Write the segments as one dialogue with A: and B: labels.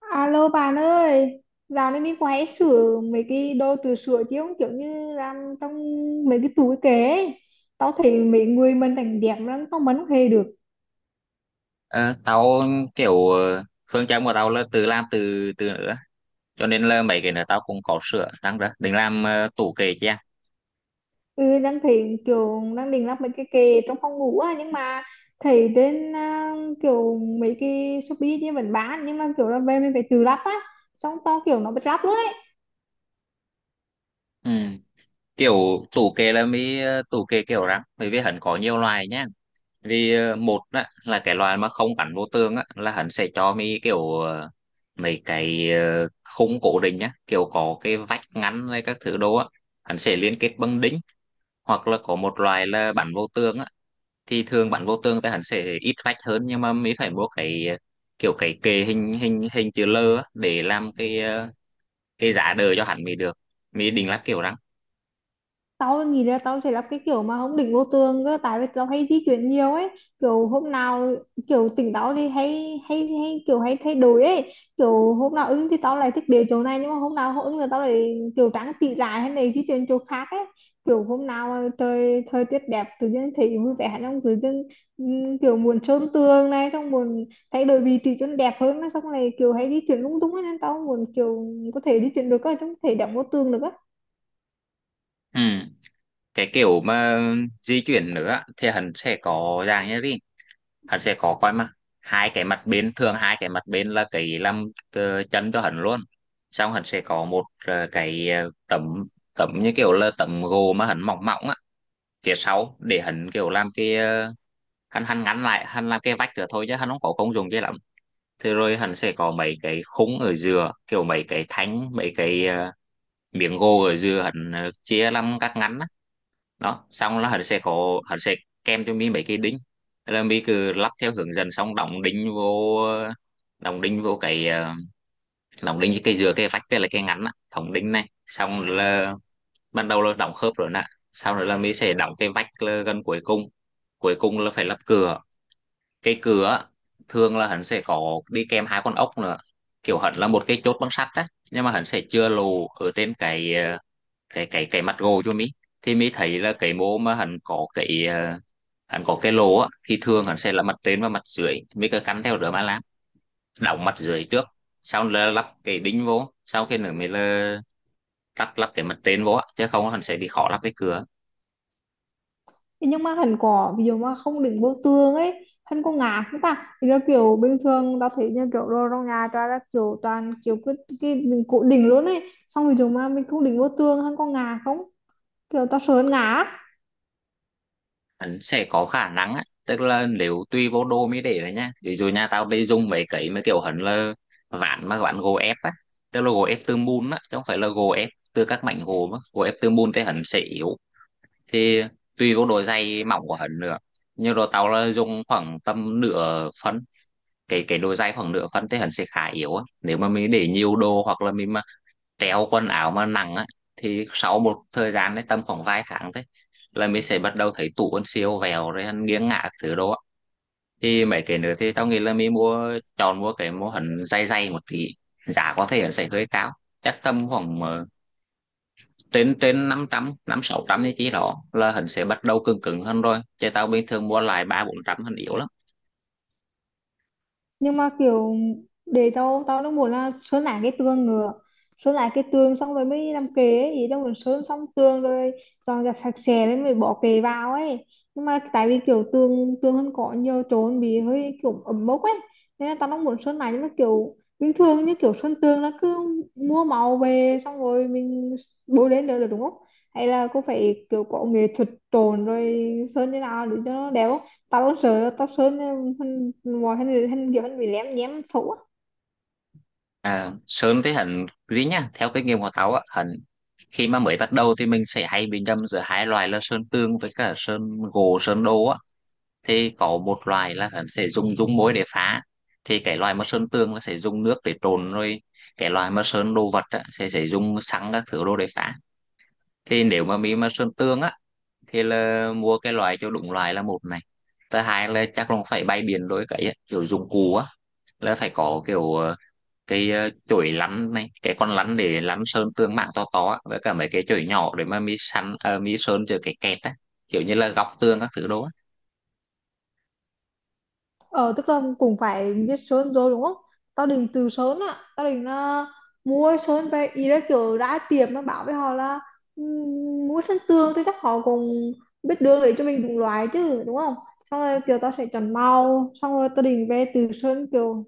A: Alo bạn ơi, dạo này mình quay sửa mấy cái đồ từ sửa chứ không kiểu như làm trong mấy cái tủ cái kệ ấy. Tao thấy mấy người mình đánh đẹp lắm, tao mấn không hề được.
B: Ờ, tao kiểu phương châm của tao là tự làm từ từ nữa, cho nên là mấy cái nữa tao cũng có sửa răng đó định làm tủ kệ chứ à?
A: Ừ, đang thấy kiểu đang định lắp mấy cái kệ trong phòng ngủ á, nhưng mà thấy trên kiểu mấy cái Shopee chứ vẫn bán, nhưng mà kiểu là về mình phải tự lắp á. Xong tao kiểu nó bị ráp luôn.
B: Ừ. Kiểu tủ kệ là mới tủ kệ kiểu rắn, bởi vì hắn có nhiều loại nhá. Vì một á, là cái loại mà không gắn vô tường á, là hắn sẽ cho mi kiểu mấy cái khung cố định nhá, kiểu có cái vách ngăn hay các thứ đồ á, hắn sẽ liên kết bằng đính. Hoặc là có một loại là bắn vô tường á, thì thường bắn vô tường thì hắn sẽ ít vách hơn, nhưng mà mới phải mua cái kiểu cái kệ hình hình hình chữ L á, để làm cái cái giá đỡ cho hắn mới được, mới định là kiểu răng.
A: Tao nghĩ là tao sẽ cái kiểu mà không đỉnh vô tường cơ, tại vì tao hay di chuyển nhiều ấy, kiểu hôm nào kiểu tỉnh táo thì hay hay hay kiểu hay thay đổi ấy, kiểu hôm nào ứng thì tao lại thích đến chỗ này, nhưng mà hôm nào không ứng là tao lại kiểu trắng tị lại hay này di chuyển chỗ khác ấy, kiểu hôm nào mà trời thời tiết đẹp tự nhiên thấy vui vẻ trong tự nhiên, kiểu muốn sơn tường này xong muốn thay đổi vị trí cho nó đẹp hơn, xong này kiểu hay di chuyển lung tung ấy, nên tao muốn kiểu có thể di chuyển được cơ chứ không thể đẹp vô tường được.
B: Ừ. Cái kiểu mà di chuyển nữa á, thì hắn sẽ có dạng như thế. Hắn sẽ có coi mà hai cái mặt bên, thường hai cái mặt bên là cái làm chân cho hắn luôn. Xong hắn sẽ có một cái tấm tấm như kiểu là tấm gỗ mà hắn mỏng mỏng á phía sau, để hắn kiểu làm cái hắn hắn ngắn lại, hắn làm cái vách nữa thôi, chứ hắn không có công dụng kia lắm. Thế rồi hắn sẽ có mấy cái khung ở giữa, kiểu mấy cái thanh, mấy cái miếng gỗ ở giữa hắn chia làm các ngắn á. Đó, xong là hắn sẽ kèm cho mi mấy cái đinh. Thế là mi cứ lắp theo hướng dẫn, xong đóng đinh vô đóng đinh vô cái đóng đinh cái giữa cái vách, cái là cái ngắn á, đóng đinh này xong là ban đầu là đóng khớp rồi nè. Sau đó là mình sẽ đóng cái vách gần cuối cùng. Cuối cùng là phải lắp cửa. Cái cửa thường là hắn sẽ có đi kèm hai con ốc nữa, kiểu hắn là một cái chốt bằng sắt đấy, nhưng mà hắn sẽ chừa lỗ ở trên cái cái mặt gồ cho mi. Thì mi thấy là cái mô mà hắn có cái lỗ á, thì thường hắn sẽ là mặt trên và mặt dưới, mi cứ cắn theo đó mà làm. Đóng mặt dưới trước, sau là lắp cái đinh vô, sau khi nữa mới là lắp lắp cái mặt trên vô á, chứ không hắn sẽ bị khó lắp cái cửa.
A: Thế nhưng mà hắn có, ví dụ mà không đựng vô tường ấy hắn có ngạt không ta? Thì nó kiểu bình thường tao thấy như kiểu đồ trong nhà toàn là kiểu toàn kiểu cái mình cố định luôn ấy, xong ví dụ mà mình không đựng vô tường hắn có ngạt không, kiểu tao sợ hắn ngạt.
B: Hắn sẽ có khả năng á, tức là nếu tùy vô đô mới để đấy nhá. Ví dụ nhà tao đi dùng mấy cái mấy kiểu hắn là ván, mà ván gỗ ép á, tức là gỗ ép từ mùn á, chứ không phải là gỗ ép từ các mảnh gỗ, mà gỗ ép từ mùn thì hắn sẽ yếu. Thì tùy vô độ dày mỏng của hắn nữa, nhưng rồi tao là dùng khoảng tầm nửa phân. Cái độ dày khoảng nửa phân thì hắn sẽ khá yếu á, nếu mà mình để nhiều đồ hoặc là mình treo quần áo mà nặng á, thì sau một thời gian đấy, tầm khoảng vài tháng thôi, là mình sẽ bắt đầu thấy tủ quần siêu vẹo rồi nghiêng ngả các thứ đó. Thì mấy cái nữa thì tao nghĩ là mình chọn mua cái mô hình dày dày một tí. Giá có thể là sẽ hơi cao, chắc tầm khoảng trên trên năm trăm, năm sáu trăm thì chỉ đó là hắn sẽ bắt đầu cứng cứng hơn rồi, chứ tao bình thường mua lại ba bốn trăm hình yếu lắm.
A: Nhưng mà kiểu để tao tao nó muốn là sơn lại cái tường nữa, sơn lại cái tường xong rồi mới làm kệ ấy, ý tao muốn sơn xong tường rồi dọn dẹp sạch sẽ rồi mới bỏ kệ vào ấy, nhưng mà tại vì kiểu tường tường hơn có nhiều chỗ bị hơi kiểu ẩm mốc ấy, nên là tao nó muốn sơn lại. Nhưng mà kiểu bình thường như kiểu sơn tường nó cứ mua màu về xong rồi mình bôi lên được, được đúng không? Hay là cô phải kiểu có nghệ thuật trộn rồi sơn như nào để cho nó đẹp không? Tao cũng sợ tao sợ nên hắn mọi hắn hắn kiểu hắn bị lém nhém xấu á.
B: À, sơn thì hắn riêng nha. Theo kinh nghiệm của tao á hình, khi mà mới bắt đầu thì mình sẽ hay bị nhầm giữa hai loại là sơn tường với cả sơn gỗ sơn đồ á. Thì có một loại là hắn sẽ dùng dung môi để phá. Thì cái loại mà sơn tường nó sẽ dùng nước để trộn rồi, cái loại mà sơn đồ vật á, sẽ dùng xăng các thứ đồ để phá. Thì nếu mà mình mà sơn tường á, thì là mua cái loại cho đúng loại là một này, thứ hai là chắc là phải bay biển rồi cái á, kiểu dụng cụ á, là phải có kiểu cái chổi lắn này, cái con lắn để lắn sơn tương mảng to to á, với cả mấy cái chổi nhỏ để mà mi săn mi sơn cho cái kẹt á, kiểu như là góc tường các thứ đó á.
A: Ờ tức là cũng phải biết sơn rồi đúng không? Tao định từ sơn á, tao định là mua sơn về, ý là kiểu đã tiệm nó bảo với họ là "Ừm, mua sơn tương thì chắc họ cũng biết đường để cho mình đúng loại chứ đúng không", xong rồi kiểu tao sẽ chọn màu xong rồi tao định về từ sơn kiểu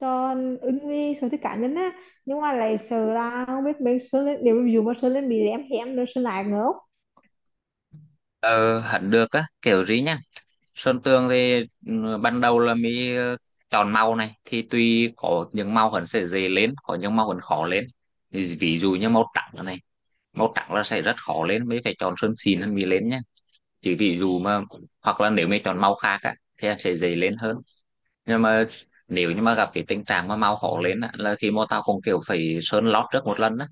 A: cho ứng với sở thích cá nhân á. Nhưng mà lại sợ là không biết mấy sơn lên, nếu ví dụ mà sơn lên bị lém hém nữa sơn lại nữa.
B: Ờ hẳn được á kiểu gì nhá. Sơn tường thì ừ, ban đầu là mi chọn màu này, thì tuy có những màu hẳn sẽ dễ lên, có những màu hẳn khó lên. Ví ví dụ như màu trắng này, màu trắng là sẽ rất khó lên, mới phải chọn sơn xịn hơn mi lên nhá. Chỉ ví dụ mà, hoặc là nếu mi chọn màu khác á thì sẽ dễ lên hơn. Nhưng mà nếu như mà gặp cái tình trạng mà mau hổ lên á, là khi mà tao cũng kiểu phải sơn lót trước một lần á,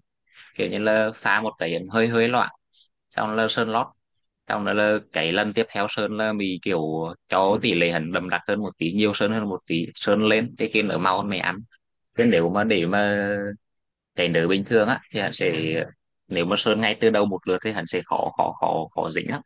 B: kiểu như là pha một cái hơi hơi loãng, xong là sơn lót, xong đó là cái lần tiếp theo sơn là mình kiểu cho tỷ lệ hẳn đậm đặc hơn một tí, nhiều sơn hơn một tí, sơn lên thì cái nở mau hơn mày ăn. Thế nếu mà để mà cái nở bình thường á thì hẳn sẽ, nếu mà sơn ngay từ đầu một lượt thì hẳn sẽ khó khó khó khó dính lắm.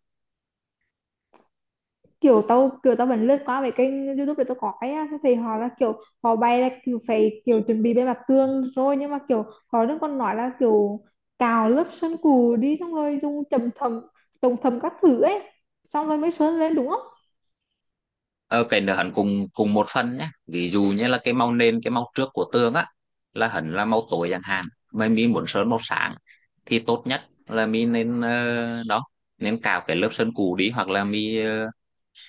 A: Kiểu tao vẫn lướt qua mấy kênh YouTube để tao có cái á, thì họ là kiểu họ bay là kiểu phải kiểu chuẩn bị bề mặt tường rồi, nhưng mà kiểu họ vẫn còn nói là kiểu cào lớp sơn cù đi xong rồi dùng chầm thầm chồng thầm các thứ ấy xong rồi mới sơn lên đúng không?
B: Ờ, cảnh được hẳn cùng cùng một phần nhé. Ví dụ như là cái màu nền, cái màu trước của tường á, là hẳn là màu tối chẳng hạn, mà mình muốn sơn màu sáng, thì tốt nhất là mình nên đó, nên cào cái lớp sơn cũ đi. Hoặc là mình,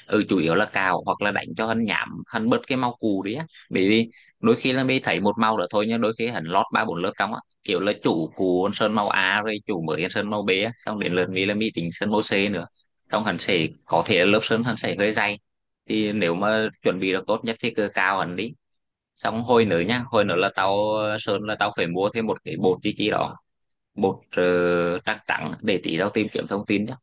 B: ừ, chủ yếu là cào hoặc là đánh cho hắn nhảm, hắn bớt cái mau cù đi á, bởi vì đôi khi là mình thấy một màu đó thôi, nhưng đôi khi hắn lót ba bốn lớp trong á, kiểu là chủ cù hắn sơn màu A rồi, chủ mới hắn sơn màu B á, xong đến lượt mình là mình tính sơn màu C nữa, trong hắn sẽ có thể là lớp sơn hắn sẽ hơi dày. Thì nếu mà chuẩn bị được tốt nhất thì cứ cào hắn đi. Xong hồi nữa nhá, hồi nữa là tao sơn là tao phải mua thêm một cái bột chi chi đó, bột trắng trắng, để tí tao tìm kiếm thông tin nhá.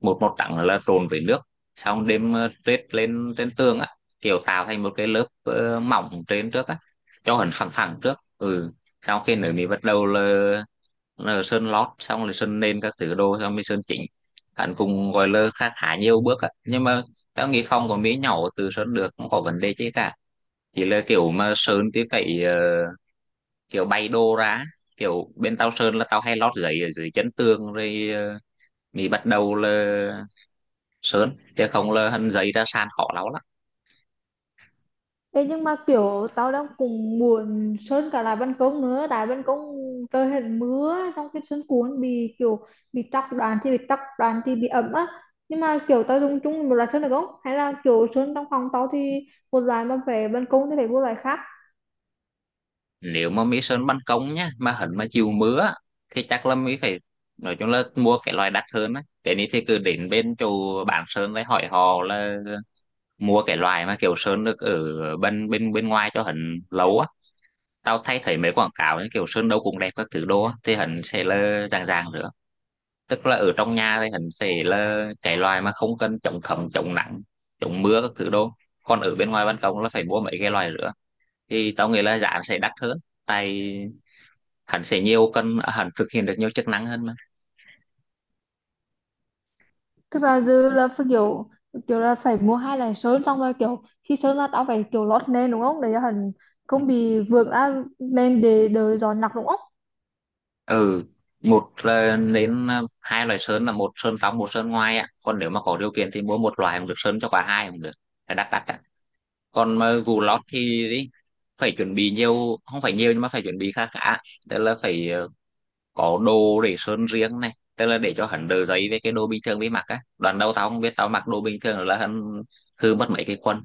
B: Một màu trắng là trộn với nước, xong đem trét lên trên tường á, kiểu tạo thành một cái lớp mỏng trên trước á, cho hẳn phẳng phẳng trước, ừ. Sau khi nữa mình bắt đầu là sơn lót xong rồi sơn nền các thứ đồ, xong mới sơn chỉnh. Hẳn cũng gọi là khá khá nhiều bước á, nhưng mà tao nghĩ phòng của mỹ nhỏ, từ sơn được, không có vấn đề chứ cả. Chỉ là kiểu mà sơn thì phải kiểu bay đồ ra. Kiểu bên tao sơn là tao hay lót giấy ở dưới chân tường, rồi mình bắt đầu là sơn, chứ không là hình giấy ra sàn khó lắm lắm.
A: Thế nhưng mà kiểu tao đang cũng muốn sơn cả lại ban công nữa, tại ban công trời hết mưa xong cái sân cuốn bị kiểu bị tróc đoàn, thì bị tróc đoàn thì bị ẩm á. Nhưng mà kiểu tao dùng chung một loại sơn được không, hay là kiểu sơn trong phòng tao thì một loại mà về ban công thì phải một loại khác?
B: Nếu mà mi sơn ban công nhá, mà hình mà chịu mưa á, thì chắc là mi phải, nói chung là mua cái loại đắt hơn á. Cái này thì cứ đến bên chỗ bán sơn đấy hỏi họ là mua cái loại mà kiểu sơn được ở bên bên bên ngoài cho hình lâu á. Tao thấy thấy mấy quảng cáo như kiểu sơn đâu cũng đẹp các thứ đô á, thì hình sẽ là dạng dạng nữa. Tức là ở trong nhà thì hình sẽ là cái loại mà không cần chống thấm chống nắng chống mưa các thứ đô, còn ở bên ngoài ban công là phải mua mấy cái loại nữa. Thì tao nghĩ là giá nó sẽ đắt hơn, tại hắn sẽ nhiều cân, hắn thực hiện được nhiều chức năng hơn mà.
A: Tức là dư là phải kiểu kiểu là phải mua hai loại sơn, xong rồi kiểu khi sơn là tao phải kiểu lót nền đúng không, để cho hình không bị vượt ra nền để đỡ gió nặng đúng không?
B: Ừ, một là đến hai loại sơn, là một sơn trong một sơn ngoài á, còn nếu mà có điều kiện thì mua một loại cũng được, sơn cho cả hai cũng được, là đắt đắt á. Còn mà vụ lót thì ý, phải chuẩn bị nhiều, không phải nhiều nhưng mà phải chuẩn bị khá khá. Tức là phải có đồ để sơn riêng này, tức là để cho hắn đỡ giấy với cái đồ bình thường với mặc á. Đoạn đầu tao không biết, tao mặc đồ bình thường là hắn hư mất mấy cái quần,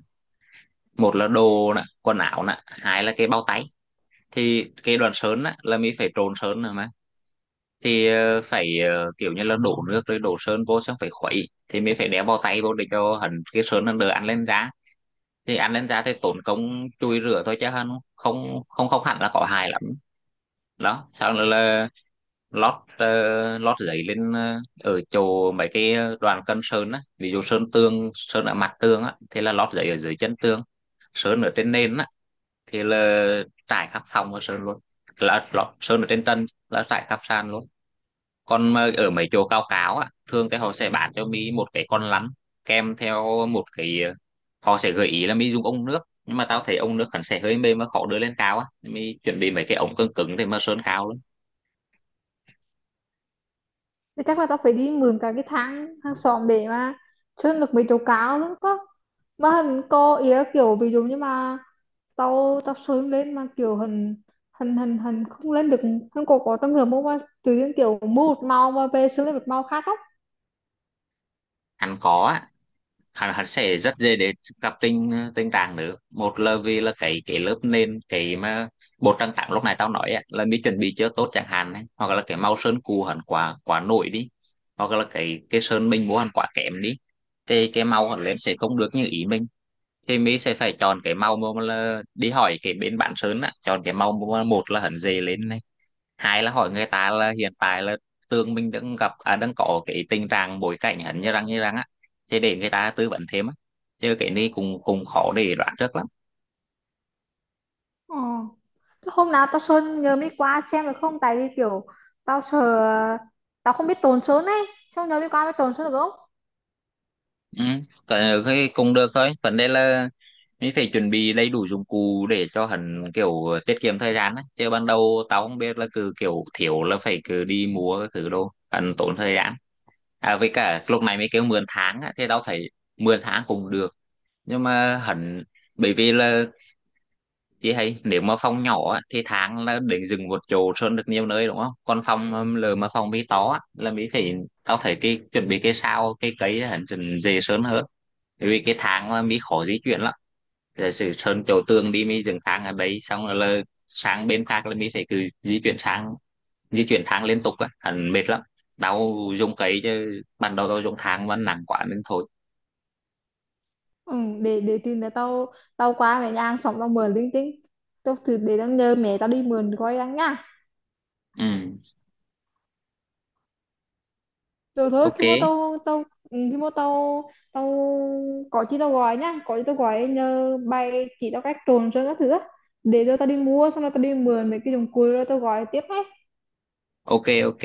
B: một Là đồ nè, quần áo nè, hai là cái bao tay. Thì cái đoạn sơn á, là mình phải trộn sơn rồi mà, thì phải kiểu như là đổ nước rồi đổ sơn vô, xong phải khuấy, thì mình phải đeo bao tay vô để cho hẳn cái sơn nó đỡ ăn lên da. Thì ăn lên da thì tốn công chùi rửa thôi, chứ hơn không không không hẳn là có hại lắm. Đó, sau nữa là lót lót giấy lên, ở chỗ mấy cái đoàn cân sơn á. Ví dụ sơn tường, sơn ở mặt tường á, thì là lót giấy ở dưới chân tường. Sơn ở trên nền á thì là trải khắp phòng và sơn luôn, là lót sơn ở trên tân là trải khắp sàn luôn. Còn mà ở mấy chỗ cao cáo á, thường thì họ sẽ bán cho mi một cái con lăn kèm theo một cái. Họ sẽ gợi ý là mi dùng ống nước, nhưng mà tao thấy ống nước hẳn sẽ hơi mềm và khó đưa lên cao á, mi chuẩn bị mấy cái ống cứng cứng để mà sơn cao lắm.
A: Thì chắc là tao phải đi mượn cả cái thang hàng xóm để mà chân được mấy chỗ cao lắm có. Mà hình có ý là kiểu ví dụ như mà tao tao sớm lên mà kiểu hình hình không lên được, hình có trong người mua mà tự nhiên kiểu mua một màu mà về sớm lên một màu khác không?
B: Hắn có á, hắn hắn sẽ rất dễ để gặp tình tình trạng nữa. Một là vì là cái lớp nền, cái mà bột trang trắng lúc này tao nói á, là mi chuẩn bị chưa tốt chẳng hạn ấy, hoặc là cái màu sơn cũ hẳn quá quá nổi đi, hoặc là cái sơn mình mua hẳn quá kém đi, thì cái màu hẳn lên sẽ không được như ý mình. Thì mi sẽ phải chọn cái màu mà, là đi hỏi cái bên bạn sơn á, chọn cái màu mà một là hẳn dễ lên, hai là hỏi người ta là hiện tại là tường mình đang gặp à, đang có cái tình trạng bối cảnh hắn như răng á, thì để người ta tư vấn thêm á. Chứ cái này cũng cũng khó để đoán trước lắm.
A: Ờ. Thế hôm nào tao sơn nhờ đi qua xem được không, tại vì kiểu tao sợ tao không biết trộn sơn ấy, xong nhờ đi qua mới trộn sơn được không?
B: Ừ. Cái cũng được thôi, vấn đề là mình phải chuẩn bị đầy đủ dụng cụ để cho hắn kiểu tiết kiệm thời gian á. Chứ ban đầu tao không biết là cứ kiểu thiếu là phải cứ đi mua cái thứ đồ, hắn tốn thời gian. À, với cả lúc này mới kêu mượn tháng á, thì tao thấy mượn tháng cũng được, nhưng mà hắn, bởi vì là chị thấy nếu mà phòng nhỏ á, thì tháng là để dừng một chỗ sơn được nhiều nơi đúng không? Còn phòng lờ mà phòng mi to á, là mi phải, tao thấy cái chuẩn bị cái sao cái cấy hẳn dần dễ sơn hơn. Bởi vì cái tháng là mi khó di chuyển lắm. Giả sử sơn chỗ tường đi, mi dừng tháng ở đấy, xong rồi là sang bên khác là mi phải cứ di chuyển sang, di chuyển tháng liên tục á, hẳn mệt lắm. Tao dùng cấy, chứ ban đầu tao dùng tháng mà nặng quá nên thôi.
A: Ừ, để tìm là tao tao qua mẹ nhà hàng xóm tao mượn linh tinh, tao thử, để tao nhờ mẹ tao đi mượn coi đang nha.
B: Ừ,
A: Rồi thôi
B: ok,
A: khi mà tao tao ừ, khi mà tao tao có chi tao gọi nhá, có chi tao gọi nhờ bay chỉ tao cách trộn sơn các thứ á. Để rồi tao đi mua xong rồi tao đi mượn mấy cái dụng cụ rồi tao gọi tiếp nhé.
B: ok, ok.